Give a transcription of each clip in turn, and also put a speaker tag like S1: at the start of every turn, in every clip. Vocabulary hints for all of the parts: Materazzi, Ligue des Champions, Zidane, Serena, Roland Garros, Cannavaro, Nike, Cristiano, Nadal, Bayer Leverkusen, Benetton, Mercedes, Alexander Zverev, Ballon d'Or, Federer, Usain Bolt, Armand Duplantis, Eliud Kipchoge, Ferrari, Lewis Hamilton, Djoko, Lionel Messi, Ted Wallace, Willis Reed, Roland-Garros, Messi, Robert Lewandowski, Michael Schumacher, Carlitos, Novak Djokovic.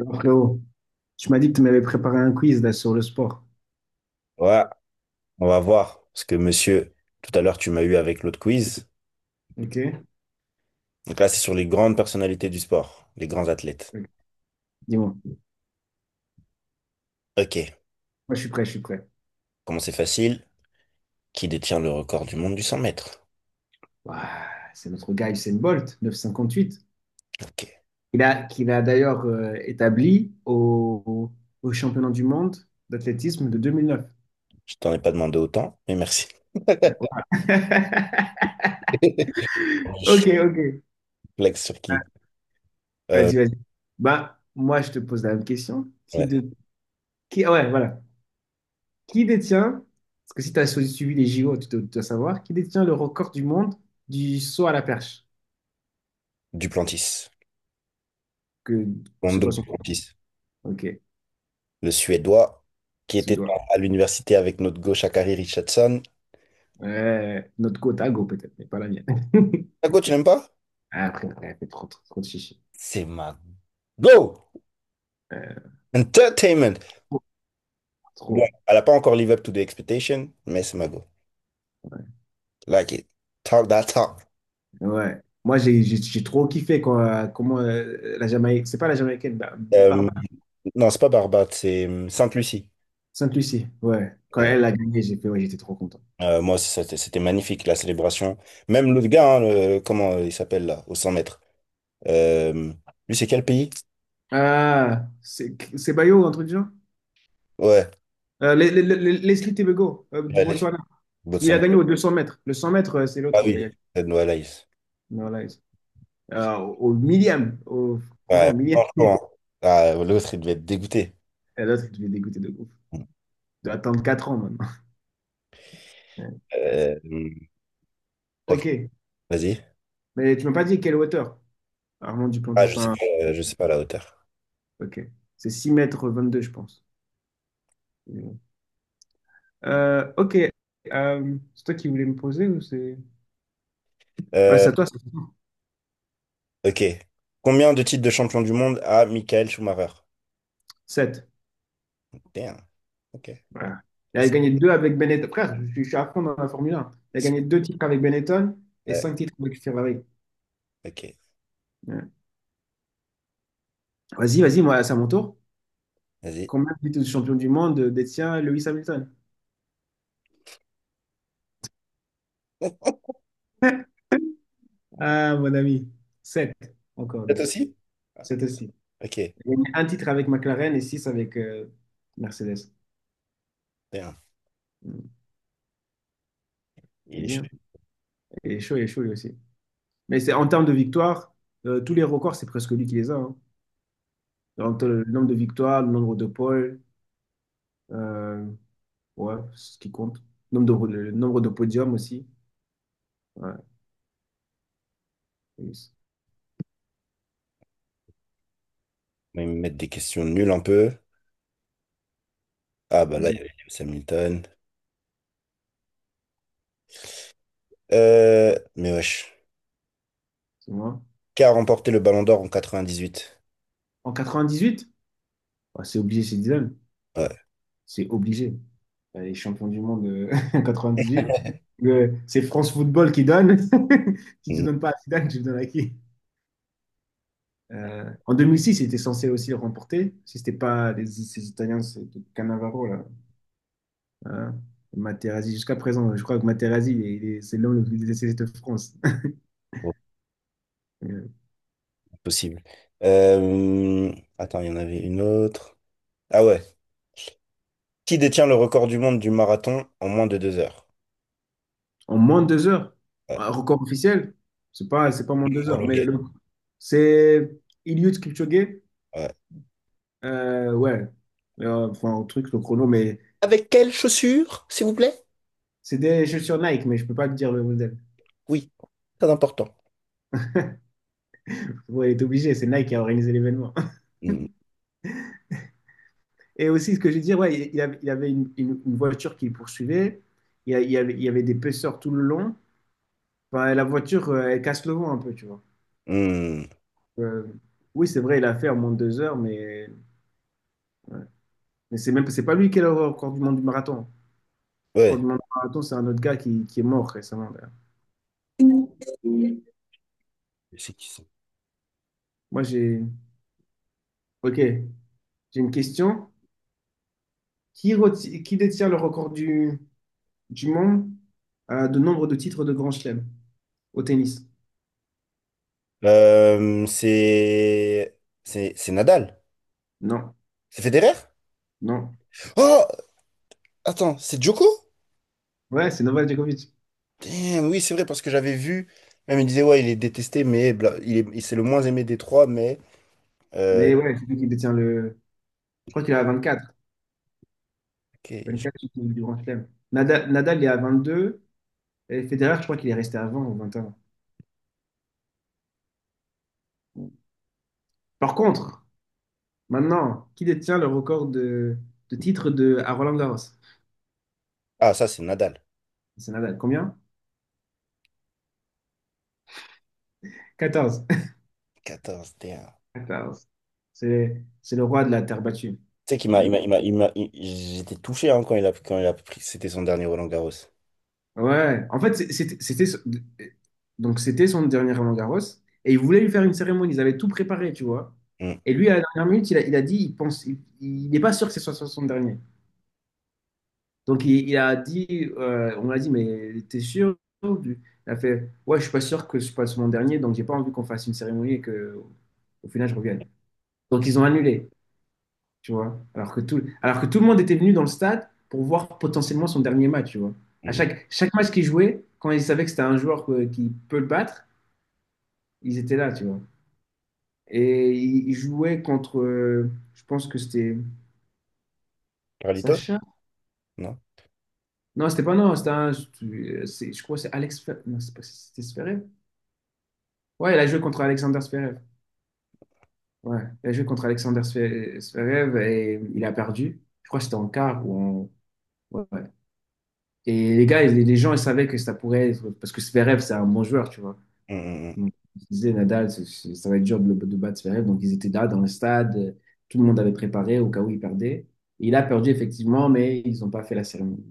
S1: Alors, Frérot, tu m'as dit que tu m'avais préparé un quiz là, sur le sport.
S2: Ouais, on va voir. Parce que monsieur, tout à l'heure, tu m'as eu avec l'autre quiz.
S1: Ok.
S2: Donc là, c'est sur les grandes personnalités du sport, les grands athlètes.
S1: Ok. Dis-moi. Moi,
S2: Ok,
S1: je suis prêt.
S2: comment c'est facile? Qui détient le record du monde du 100 mètres?
S1: Ouah, c'est notre gars Usain Bolt, neuf cent cinquante-huit.
S2: Ok,
S1: Qu'il a d'ailleurs établi au championnat du monde d'athlétisme de 2009.
S2: je t'en ai pas demandé autant, mais merci.
S1: Ouais, voilà. Ok,
S2: Je
S1: ok.
S2: Flex sur qui? Euh,
S1: Vas-y, vas-y. Bah, moi, je te pose la même question. Qui
S2: ouais,
S1: de... qui... ah Ouais, voilà. Qui détient, parce que si tu as suivi les JO, tu dois savoir, qui détient le record du monde du saut à la perche?
S2: Duplantis.
S1: Que C'est
S2: Lando
S1: quoi son prénom?
S2: Duplantis.
S1: Ok,
S2: Le Suédois qui
S1: ce
S2: était
S1: doigt.
S2: à l'université avec notre gauche Shakari Richardson.
S1: Ouais, notre côte à go peut-être, mais pas la mienne.
S2: Ta go, tu l'aimes pas?
S1: Ah, après, elle fait trop, trop, trop de chichi.
S2: C'est ma go!
S1: Euh,
S2: Entertainment!
S1: trop.
S2: Bon,
S1: Trop.
S2: elle n'a pas encore live up to the expectation, mais c'est ma go. Like it. Talk that talk.
S1: Ouais. Ouais. Moi, j'ai trop kiffé quand, comment la Jamaïque, c'est pas la Jamaïcaine,
S2: Euh,
S1: Barbara,
S2: non, c'est pas Barbade, c'est Sainte-Lucie.
S1: Sainte-Lucie. Ouais. Quand
S2: Voilà.
S1: elle a gagné, j'ai fait, ouais, j'étais trop content.
S2: Moi aussi, c'était magnifique, la célébration. Même l'autre gars, hein, comment il s'appelle là, au 100 mètres. Euh, lui, c'est quel pays?
S1: Ah, c'est Bayo, un truc du genre?
S2: Ouais,
S1: Leslie Tebego, du
S2: allez,
S1: Botswana. Lui, il a
S2: Botswana.
S1: gagné aux 200 mètres. Le 100 mètres, c'est
S2: Ah
S1: l'autre qui a
S2: oui,
S1: gagné.
S2: Ted Wallace.
S1: Non, là, au millième. Franchement,
S2: Ouais,
S1: au millième.
S2: franchement. Ah, l'autre, il devait être dégoûté.
S1: Et l'autre, je vais dégoûter de ouf. De attendre 4 ans maintenant. Ouais.
S2: Euh, tac,
S1: Ok.
S2: vas-y.
S1: Mais tu m'as pas dit quelle hauteur? Armand
S2: Ah,
S1: Duplantis. Enfin,
S2: je sais pas la hauteur.
S1: ok. C'est 6,22 mètres je pense. Ok. C'est toi qui voulais me poser ou c'est. Ouais,
S2: Euh,
S1: c'est à toi, c'est
S2: ok. Combien de titres de champion du monde a Michael Schumacher?
S1: 7.
S2: Damn, ok.
S1: Voilà. Il a
S2: Est-ce
S1: gagné 2 avec Benetton. Frère, je suis à fond dans la Formule 1. Il a gagné 2 titres avec Benetton et
S2: Ouais,
S1: 5 titres avec Ferrari.
S2: ok,
S1: Ouais. Vas-y, vas-y, moi, c'est à mon tour.
S2: vas-y.
S1: Combien de titres de champion du monde détient Lewis Hamilton? Ah, mon ami. Sept. Encore lui
S2: Peut-être
S1: aussi.
S2: aussi? Ah,
S1: 7 aussi.
S2: ok,
S1: J'ai gagné un titre avec McLaren et six avec Mercedes.
S2: bien.
S1: Mm.
S2: Il est
S1: Vas-y,
S2: chaud.
S1: hein. Et chaud lui aussi. Mais c'est en termes de victoires, tous les records, c'est presque lui qui les a. Hein. Entre le nombre de victoires, le nombre de poles, euh, ouais, c'est ce qui compte. Le nombre de podiums aussi. Ouais, yes.
S2: Ils me mettent des questions nulles un peu. Ah bah là, il
S1: Vas-y,
S2: y avait Lewis Hamilton. Mais wesh.
S1: c'est moi.
S2: Qui a remporté le Ballon d'Or en 98?
S1: En 98, ah, c'est obligé chez Dylan.
S2: Ouais,
S1: C'est obligé. Bah, les champions du monde en 98. C'est France Football qui donne. Si tu
S2: non,
S1: donnes pas à Zidane, tu le donnes à qui? En 2006, il était censé aussi le remporter, si c'était pas ces Italiens, c'était Cannavaro, là. Euh, Materazzi, jusqu'à présent, je crois que Materazzi, c'est l'homme le plus décédé de France.
S2: oh,
S1: Euh,
S2: impossible. Euh, attends, il y en avait une autre. Ah ouais. Qui détient le record du monde du marathon en moins de 2 heures?
S1: En moins de 2 heures,
S2: Ouais.
S1: un record officiel, c'est pas, moins de 2 heures, mais
S2: Homologué.
S1: c'est Eliud Kipchoge,
S2: Ouais.
S1: ouais. Enfin, un truc, le chrono, mais
S2: Avec quelles chaussures, s'il vous plaît?
S1: c'est des chaussures Nike, mais je peux pas te dire le modèle.
S2: Oui, très important.
S1: Ouais, il est obligé, c'est Nike qui a organisé l'événement.
S2: Hmm.
S1: Et aussi, ce que je disais, ouais, il avait une voiture qui le poursuivait. Il y avait des pêcheurs tout le long. Enfin, la voiture, elle casse le vent un peu, tu vois.
S2: Hmm.
S1: Euh, oui, c'est vrai, il a fait en moins de 2 heures, mais c'est même, c'est pas lui qui est le record du monde du marathon. Le record
S2: Ouais.
S1: du monde du marathon, c'est un autre gars qui est mort récemment d'ailleurs.
S2: C'est qui ça?
S1: Moi, j'ai. Ok, j'ai une question. Qui détient le record du monde de nombre de titres de Grand Chelem au tennis?
S2: Euh, c'est c'est Nadal.
S1: Non,
S2: C'est Federer?
S1: non.
S2: Oh, attends, c'est Djoko?
S1: Ouais, c'est Novak Djokovic.
S2: Damn, oui, c'est vrai parce que j'avais vu. Même il disait ouais, il est détesté, mais c'est le moins aimé des trois, mais euh,
S1: Mais ouais, c'est lui qui détient le. Je crois qu'il est à 24.
S2: ok,
S1: 24 qui est du Grand Chelem. Nadal, il est à 22. Et Federer, je crois qu'il est resté à 20 ou 21. Par contre, maintenant, qui détient le record de titres à Roland-Garros?
S2: ah ça c'est Nadal.
S1: C'est Nadal. Combien? 14.
S2: 14, damn.
S1: 14. C'est le roi de la terre battue.
S2: Tu sais qu'il
S1: C'est
S2: m'a
S1: lui.
S2: j'étais touché hein, quand il a pris c'était son dernier Roland Garros.
S1: Ouais, en fait, donc c'était son dernier Roland-Garros et ils voulaient lui faire une cérémonie, ils avaient tout préparé, tu vois.
S2: Hum,
S1: Et lui, à la dernière minute, il a dit, il pense, il n'est pas sûr que ce soit son dernier. Donc il a dit, on l'a dit, mais t'es sûr? du- Il a fait, ouais, je suis pas sûr que ce soit mon dernier, donc j'ai pas envie qu'on fasse une cérémonie et que au final je revienne. Donc ils ont annulé tu vois. Alors que tout le monde était venu dans le stade pour voir potentiellement son dernier match, tu vois. À
S2: hum, hum.
S1: chaque, chaque match qu'ils jouaient, quand ils savaient que c'était un joueur qui peut le battre, ils étaient là, tu vois. Et ils jouaient contre, je pense que c'était
S2: Carlitos?
S1: Sacha.
S2: Non?
S1: Non, c'était pas non, c'était un, je crois que c'est Alex, Fe- non, c'est pas, c'était Zverev. Ouais, il a joué contre Alexander Zverev. Ouais, il a joué contre Alexander Zverev et il a perdu. Je crois que c'était en quart ou en, ouais. Ouais. Et les gens, ils savaient que ça pourrait être. Parce que Zverev, c'est un bon joueur, tu vois.
S2: Hum, hum, hum.
S1: Donc, ils disaient, Nadal, ça va être dur de battre Zverev. Donc, ils étaient là dans le stade. Tout le monde avait préparé au cas où il perdait. Et il a perdu, effectivement, mais ils n'ont pas fait la cérémonie.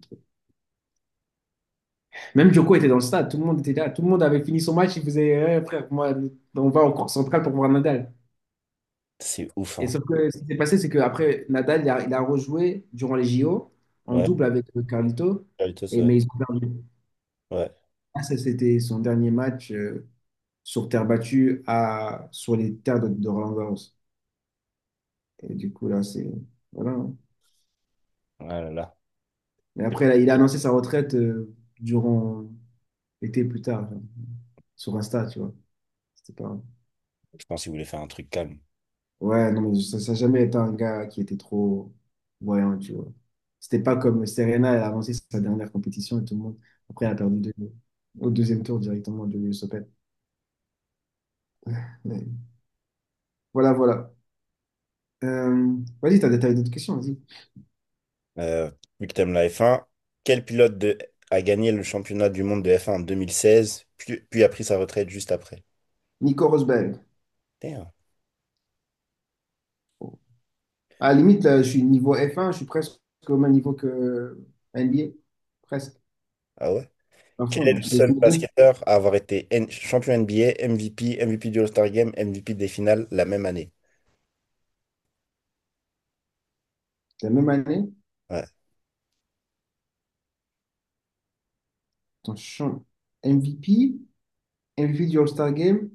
S1: Même Djoko était dans le stade. Tout le monde était là. Tout le monde avait fini son match. Il faisait, eh, frère, moi, on va en cours centrale pour voir Nadal.
S2: C'est ouf
S1: Et
S2: hein.
S1: sauf que ce qui s'est passé, c'est qu'après, Nadal, il a rejoué durant les JO en
S2: Ouais,
S1: double avec Carlito.
S2: Carlitos,
S1: Et,
S2: ouais.
S1: mais ils ont perdu.
S2: Ouais.
S1: Ah, ça, c'était son dernier match sur terre battue sur les terres de Roland-Garros. Et du coup, là, c'est. Voilà, hein.
S2: Ah là là.
S1: Mais après, là, il a annoncé sa retraite durant l'été plus tard, genre, sur Insta, tu vois. C'était pas.
S2: Je pense qu'il voulait faire un truc calme.
S1: Ouais, non, mais ça n'a jamais été un gars qui était trop voyant, tu vois. C'était pas comme Serena, elle a avancé sa dernière compétition et tout le monde. Après, elle a perdu au deuxième tour directement de l'US Open. Mais voilà, voilà. Euh, Vas-y, t'as des t'as d'autres questions, vas-y.
S2: Euh, vu que t'aimes la F1, quel pilote a gagné le championnat du monde de F1 en 2016, puis a pris sa retraite juste après?
S1: Nico Rosberg.
S2: Damn.
S1: À la limite, je suis niveau F1, je suis presque au même niveau que NBA. Presque.
S2: Ah ouais? Quel
S1: Enfin,
S2: est le
S1: c'est
S2: seul
S1: les deux.
S2: basketteur à avoir été champion NBA, MVP, MVP du All-Star Game, MVP des finales la même année?
S1: C'est la même année.
S2: Ouais,
S1: Attends, je change. MVP, MVP du All-Star Game,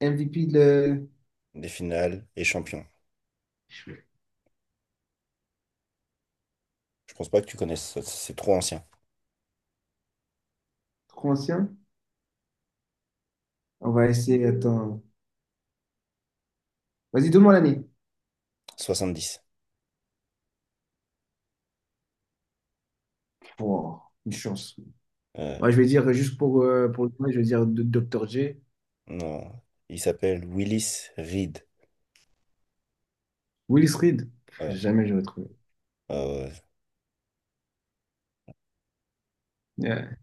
S1: MVP de
S2: des finales et champion. Je pense pas que tu connaisses, ça, c'est trop ancien.
S1: trop ancien. On va essayer, attends. Vas-y, donne-moi l'année.
S2: 70.
S1: Oh, une chance.
S2: Euh,
S1: Ouais, je vais dire, juste pour le point, je vais dire Dr. J.
S2: non. Il s'appelle Willis Reed.
S1: Willis Reed. Pff,
S2: Ouais,
S1: jamais je vais trouver.
S2: ouais, ouais.
S1: Ouais.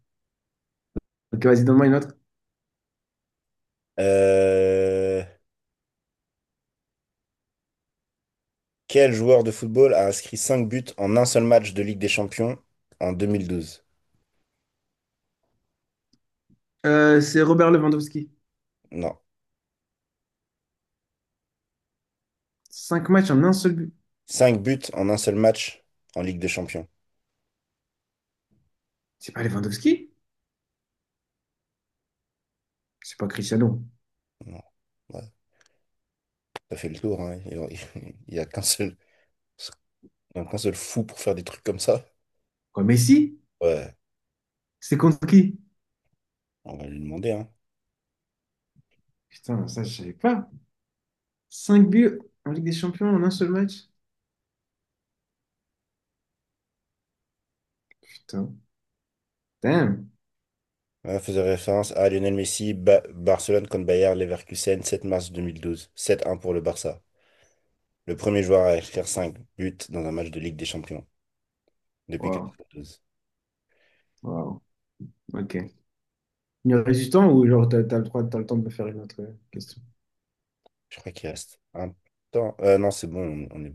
S1: Ok, vas-y, donne-moi une autre.
S2: Euh, Quel joueur de football a inscrit 5 buts en un seul match de Ligue des Champions en 2012?
S1: C'est Robert Lewandowski.
S2: Non.
S1: Cinq matchs en un seul but.
S2: Cinq buts en un seul match en Ligue des Champions.
S1: C'est pas Lewandowski? C'est pas Cristiano.
S2: Non. Ouais, ça fait le tour, hein. N'y a qu'un seul, il y a qu'un seul fou pour faire des trucs comme ça.
S1: Quoi, Messi?
S2: Ouais,
S1: C'est contre qui?
S2: on va lui demander, hein.
S1: Putain, ça, je savais pas. 5 buts en Ligue des Champions en un seul match? Putain. Damn.
S2: Ouais, faisait référence à Lionel Messi, Barcelone contre Bayer Leverkusen, 7 mars 2012. 7-1 pour le Barça. Le premier joueur à inscrire 5 buts dans un match de Ligue des Champions depuis
S1: Wow.
S2: 92.
S1: Wow. OK. Il reste du temps ou genre t'as le droit, t'as le temps de me faire une autre question?
S2: Je crois qu'il reste un temps. Non, c'est bon, on est.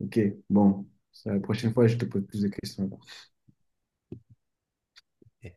S1: OK. Bon. Ça, la prochaine fois, je te pose plus de questions.
S2: Oui.